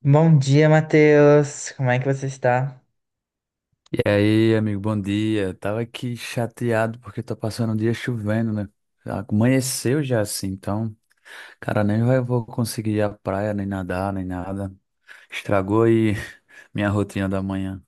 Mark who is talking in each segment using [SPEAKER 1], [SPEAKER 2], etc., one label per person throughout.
[SPEAKER 1] Bom dia, Matheus. Como é que você está?
[SPEAKER 2] E aí, amigo, bom dia. Tava aqui chateado porque tá passando um dia chovendo, né? Amanheceu já assim, então, cara, nem vai, vou conseguir ir à praia, nem nadar, nem nada. Estragou aí minha rotina da manhã.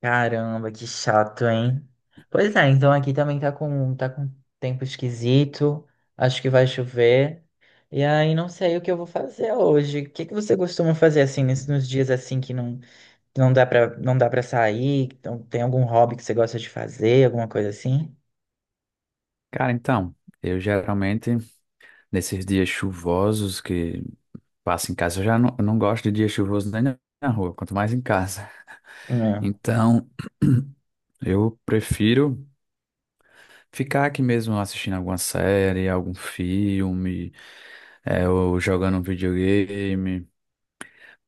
[SPEAKER 1] Caramba, que chato, hein? Pois é, então aqui também tá com tempo esquisito, acho que vai chover, e aí não sei o que eu vou fazer hoje. O que que você costuma fazer assim, nos dias assim que não dá pra, não dá para sair? Então, tem algum hobby que você gosta de fazer, alguma coisa assim?
[SPEAKER 2] Cara, então, eu geralmente, nesses dias chuvosos que passo em casa, eu não gosto de dia chuvoso nem na rua, quanto mais em casa.
[SPEAKER 1] Hum,
[SPEAKER 2] Então, eu prefiro ficar aqui mesmo assistindo alguma série, algum filme. É, eu jogando um videogame,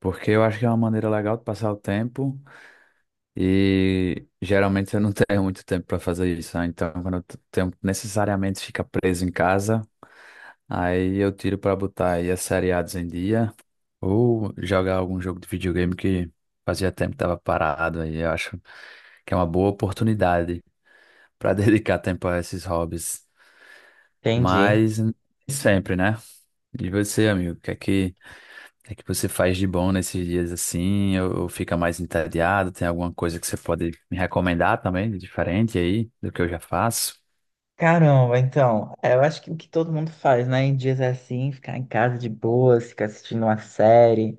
[SPEAKER 2] porque eu acho que é uma maneira legal de passar o tempo e geralmente eu não tenho muito tempo para fazer isso, né? Então quando tenho, necessariamente fica preso em casa, aí eu tiro para botar aí as seriados em dia ou jogar algum jogo de videogame que fazia tempo que estava parado aí, eu acho que é uma boa oportunidade para dedicar tempo a esses hobbies,
[SPEAKER 1] entendi.
[SPEAKER 2] mas nem sempre, né? E você, amigo, o que é que É que você faz de bom nesses dias assim, ou fica mais entediado? Tem alguma coisa que você pode me recomendar também, de diferente aí do que eu já faço?
[SPEAKER 1] Caramba, então, é, eu acho que o que todo mundo faz, né? Em dias assim, ficar em casa de boa, ficar assistindo uma série.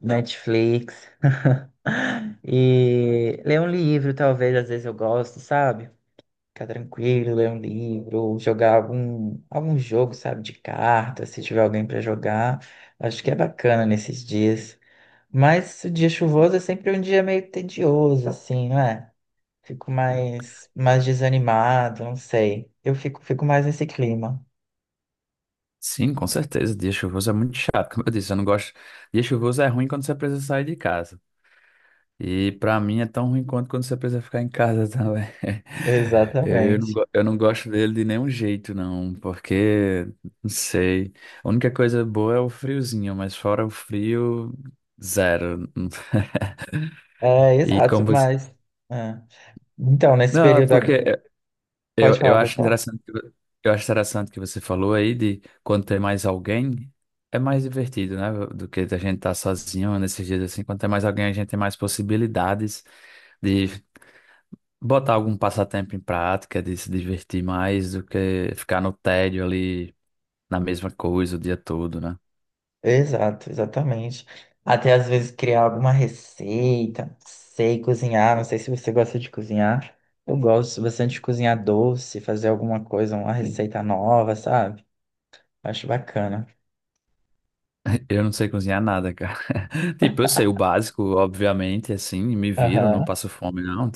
[SPEAKER 1] Netflix. E ler um livro, talvez, às vezes eu gosto, sabe? Ficar tranquilo, ler um livro, ou jogar algum jogo, sabe, de carta, se tiver alguém para jogar. Acho que é bacana nesses dias. Mas o dia chuvoso é sempre um dia meio tedioso, assim, não é? Fico mais desanimado, não sei. Eu fico mais nesse clima.
[SPEAKER 2] Sim, com certeza. Dia chuvoso é muito chato, como eu disse, eu não gosto. Dia chuvoso é ruim quando você precisa sair de casa. E pra mim é tão ruim quanto quando você precisa ficar em casa também.
[SPEAKER 1] Exatamente.
[SPEAKER 2] Eu não gosto dele de nenhum jeito, não, porque, não sei. A única coisa boa é o friozinho, mas fora o frio, zero.
[SPEAKER 1] É,
[SPEAKER 2] E
[SPEAKER 1] exato,
[SPEAKER 2] como você
[SPEAKER 1] mas. É. Então, nesse
[SPEAKER 2] Não, é
[SPEAKER 1] período.
[SPEAKER 2] porque
[SPEAKER 1] Pode
[SPEAKER 2] eu
[SPEAKER 1] falar, pode
[SPEAKER 2] acho
[SPEAKER 1] falar.
[SPEAKER 2] interessante eu acho interessante que você falou aí de quando tem mais alguém, é mais divertido, né? Do que a gente tá sozinho nesses dias assim. Quando tem mais alguém, a gente tem mais possibilidades de botar algum passatempo em prática, de se divertir mais do que ficar no tédio ali na mesma coisa o dia todo, né?
[SPEAKER 1] Exato, exatamente. Até às vezes criar alguma receita, não sei cozinhar, não sei se você gosta de cozinhar. Eu gosto bastante de cozinhar doce, fazer alguma coisa, uma receita nova, sabe? Acho bacana.
[SPEAKER 2] Eu não sei cozinhar nada, cara. Tipo, eu sei o básico, obviamente, assim, me viro, não
[SPEAKER 1] Aham,
[SPEAKER 2] passo fome, não.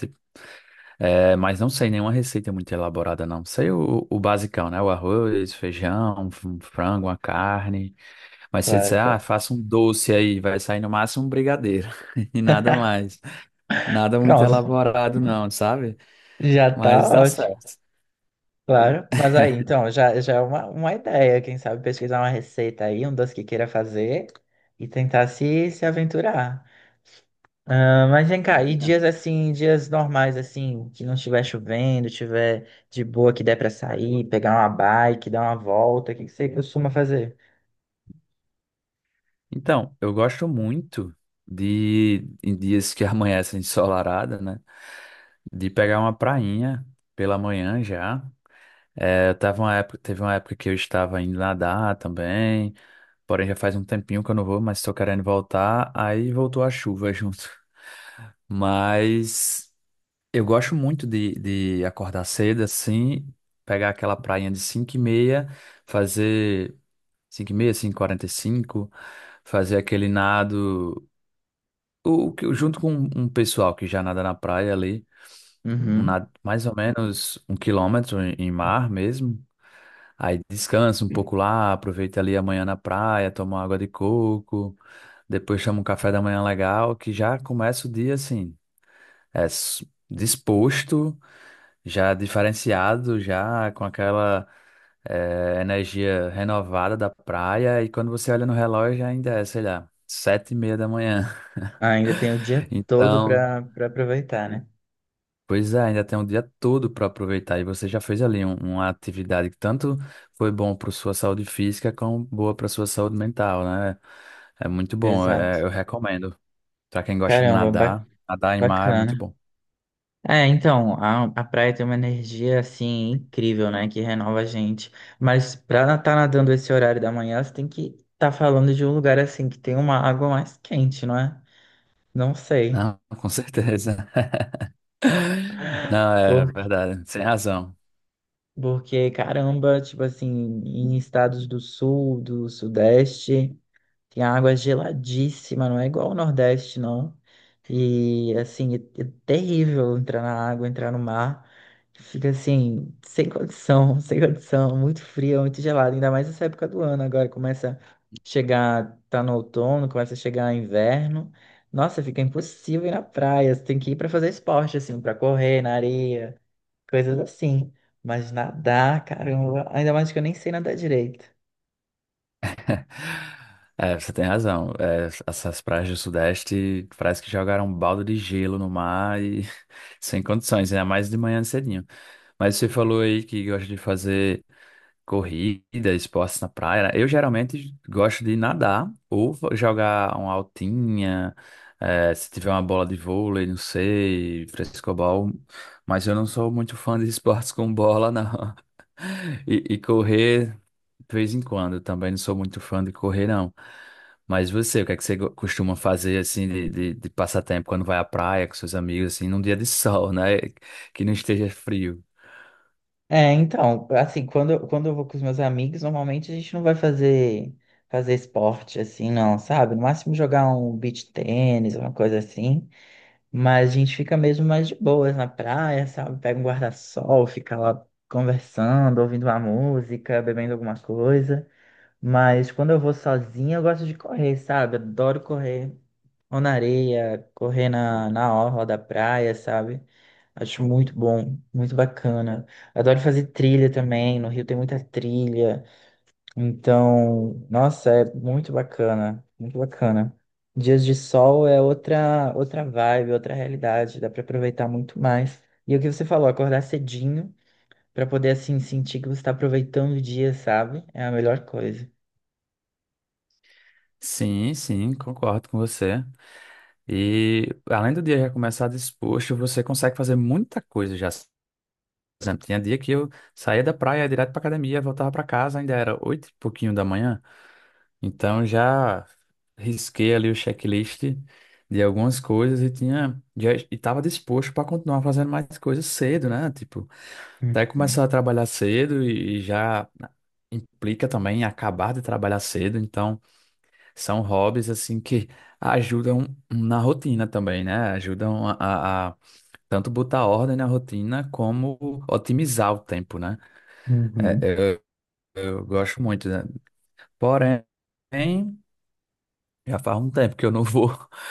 [SPEAKER 2] É, mas não sei nenhuma receita é muito elaborada, não. Sei o basicão, né? O arroz, feijão, um frango, uma carne. Mas se você
[SPEAKER 1] claro,
[SPEAKER 2] disser, ah,
[SPEAKER 1] claro.
[SPEAKER 2] faça um doce aí, vai sair no máximo um brigadeiro e nada mais. Nada muito
[SPEAKER 1] Pronto,
[SPEAKER 2] elaborado, não, sabe?
[SPEAKER 1] já tá
[SPEAKER 2] Mas dá
[SPEAKER 1] ótimo,
[SPEAKER 2] certo.
[SPEAKER 1] claro. Mas aí, então, já é uma ideia, quem sabe pesquisar uma receita aí, um doce que queira fazer e tentar se aventurar. Ah, mas vem cá, e dias assim, dias normais assim, que não estiver chovendo, estiver de boa, que der pra sair, pegar uma bike, dar uma volta, o que que você costuma fazer?
[SPEAKER 2] Então, eu gosto muito de, em dias que amanhecem ensolarada, né? De pegar uma prainha pela manhã já. É, eu tava uma época, teve uma época que eu estava indo nadar também. Porém, já faz um tempinho que eu não vou, mas tô querendo voltar. Aí voltou a chuva junto. Mas eu gosto muito de acordar cedo, assim, pegar aquela prainha de 5 e meia, fazer 5h30, 5h45 fazer aquele nado, junto com um pessoal que já nada na praia ali, um
[SPEAKER 1] Uhum.
[SPEAKER 2] nado mais ou menos 1 km em mar mesmo. Aí descansa um pouco lá, aproveita ali amanhã na praia, toma uma água de coco, depois chama um café da manhã legal, que já começa o dia assim, disposto, já diferenciado, já com aquela energia renovada da praia, e quando você olha no relógio ainda é, sei lá, 7h30 da manhã.
[SPEAKER 1] Ah, ainda tem o dia todo
[SPEAKER 2] Então,
[SPEAKER 1] pra aproveitar, né?
[SPEAKER 2] pois é, ainda tem um dia todo para aproveitar e você já fez ali uma atividade que tanto foi bom para sua saúde física como boa para sua saúde mental, né? É muito bom,
[SPEAKER 1] Exato.
[SPEAKER 2] é, eu recomendo. Para quem gosta de
[SPEAKER 1] Caramba,
[SPEAKER 2] nadar, nadar em mar é
[SPEAKER 1] bacana.
[SPEAKER 2] muito bom.
[SPEAKER 1] É, então, a praia tem uma energia assim incrível, né? Que renova a gente. Mas pra estar tá nadando esse horário da manhã, você tem que estar tá falando de um lugar assim que tem uma água mais quente, não é? Não sei.
[SPEAKER 2] Não, com certeza. Não, é verdade, sem razão.
[SPEAKER 1] Porque, caramba, tipo assim, em estados do sul, do sudeste, tem água geladíssima, não é igual ao Nordeste, não. E, assim, é terrível entrar na água, entrar no mar. Fica assim, sem condição, sem condição, muito frio, muito gelado, ainda mais nessa época do ano. Agora começa a chegar, tá no outono, começa a chegar inverno. Nossa, fica impossível ir na praia, você tem que ir para fazer esporte, assim, para correr na areia, coisas assim. Mas nadar, caramba, ainda mais que eu nem sei nadar direito.
[SPEAKER 2] É, você tem razão. É, essas praias do Sudeste parece que jogaram um balde de gelo no mar e sem condições, ainda mais de manhã cedinho. Mas você falou aí que gosta de fazer corrida, esportes na praia. Né? Eu geralmente gosto de nadar ou jogar uma altinha, se tiver uma bola de vôlei, não sei, frescobol. Mas eu não sou muito fã de esportes com bola, não. E correr, de vez em quando, também não sou muito fã de correr, não. Mas você, o que é que você go- costuma fazer, assim, de passatempo quando vai à praia com seus amigos, assim, num dia de sol, né? Que não esteja frio.
[SPEAKER 1] É, então, assim, quando eu vou com os meus amigos, normalmente a gente não vai fazer esporte assim, não, sabe? No máximo jogar um beach tênis, uma coisa assim. Mas a gente fica mesmo mais de boas na praia, sabe? Pega um guarda-sol, fica lá conversando, ouvindo uma música, bebendo alguma coisa. Mas quando eu vou sozinha, eu gosto de correr, sabe? Adoro correr, ou na areia, correr na, na orla da praia, sabe? Acho muito bom, muito bacana. Adoro fazer trilha também, no Rio tem muita trilha. Então, nossa, é muito bacana, muito bacana. Dias de sol é outra vibe, outra realidade, dá para aproveitar muito mais. E é o que você falou, acordar cedinho para poder assim sentir que você está aproveitando o dia, sabe? É a melhor coisa.
[SPEAKER 2] Sim, sim, concordo com você. E além do dia já começar disposto, você consegue fazer muita coisa já. Por exemplo, tinha dia que eu saía da praia ia direto para academia, voltava para casa, ainda era oito e pouquinho da manhã. Então já risquei ali o checklist de algumas coisas e tinha já estava disposto para continuar fazendo mais coisas cedo, né? Tipo, até
[SPEAKER 1] Uhum.
[SPEAKER 2] começar a trabalhar cedo e já né, implica também em acabar de trabalhar cedo. Então são hobbies assim que ajudam na rotina também, né? Ajudam a tanto botar ordem na rotina como otimizar o tempo, né?
[SPEAKER 1] Uhum.
[SPEAKER 2] Eu gosto muito, né? Porém, já faz um tempo que eu não vou,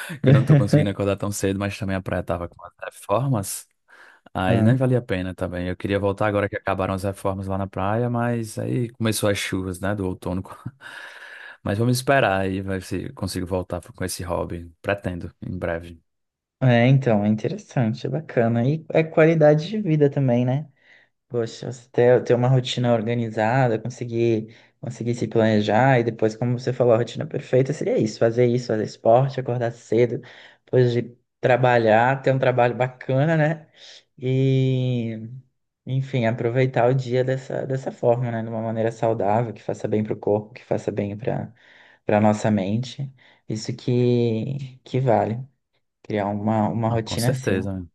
[SPEAKER 2] que eu não tô conseguindo acordar tão cedo, mas também a praia tava com as reformas, aí
[SPEAKER 1] Ah.
[SPEAKER 2] nem valia a pena também. Eu queria voltar agora que acabaram as reformas lá na praia, mas aí começou as chuvas, né, do outono. Mas vamos esperar aí, vai se consigo voltar com esse hobby. Pretendo, em breve.
[SPEAKER 1] É, então, é interessante, é bacana. E é qualidade de vida também, né? Poxa, você ter uma rotina organizada, conseguir se planejar e depois, como você falou, a rotina perfeita seria isso, fazer esporte, acordar cedo, depois de trabalhar, ter um trabalho bacana, né? E, enfim, aproveitar o dia dessa forma, né? De uma maneira saudável, que faça bem para o corpo, que faça bem para nossa mente. Isso que vale. Criar uma
[SPEAKER 2] Não, com
[SPEAKER 1] rotina assim.
[SPEAKER 2] certeza. Né?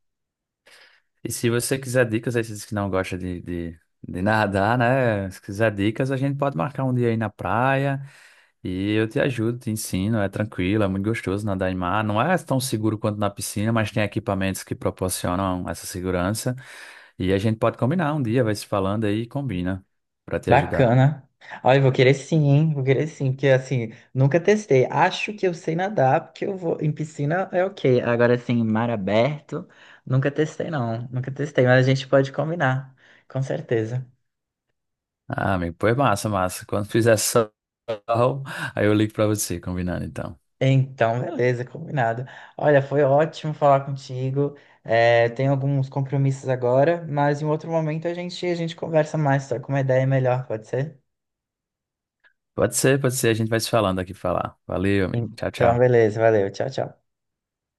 [SPEAKER 2] E se você quiser dicas, aí você disse que não gosta de nadar, né? Se quiser dicas, a gente pode marcar um dia aí na praia e eu te ajudo, te ensino. É tranquilo, é muito gostoso nadar em mar. Não é tão seguro quanto na piscina, mas tem equipamentos que proporcionam essa segurança. E a gente pode combinar um dia, vai se falando aí e combina pra te ajudar.
[SPEAKER 1] Bacana. Olha, eu vou querer sim, hein? Vou querer sim, porque assim, nunca testei. Acho que eu sei nadar, porque eu vou. Em piscina é ok. Agora, assim, mar aberto, nunca testei, não. Nunca testei, mas a gente pode combinar, com certeza.
[SPEAKER 2] Ah, amigo, pois massa, massa. Quando fizer sol, aí eu ligo pra você, combinando então.
[SPEAKER 1] Então, beleza, combinado. Olha, foi ótimo falar contigo. É, tenho alguns compromissos agora, mas em outro momento a gente conversa mais, só com uma ideia melhor, pode ser?
[SPEAKER 2] Pode ser, pode ser. A gente vai se falando aqui pra falar. Valeu, amigo. Tchau,
[SPEAKER 1] Então,
[SPEAKER 2] tchau.
[SPEAKER 1] beleza, valeu. Tchau, tchau.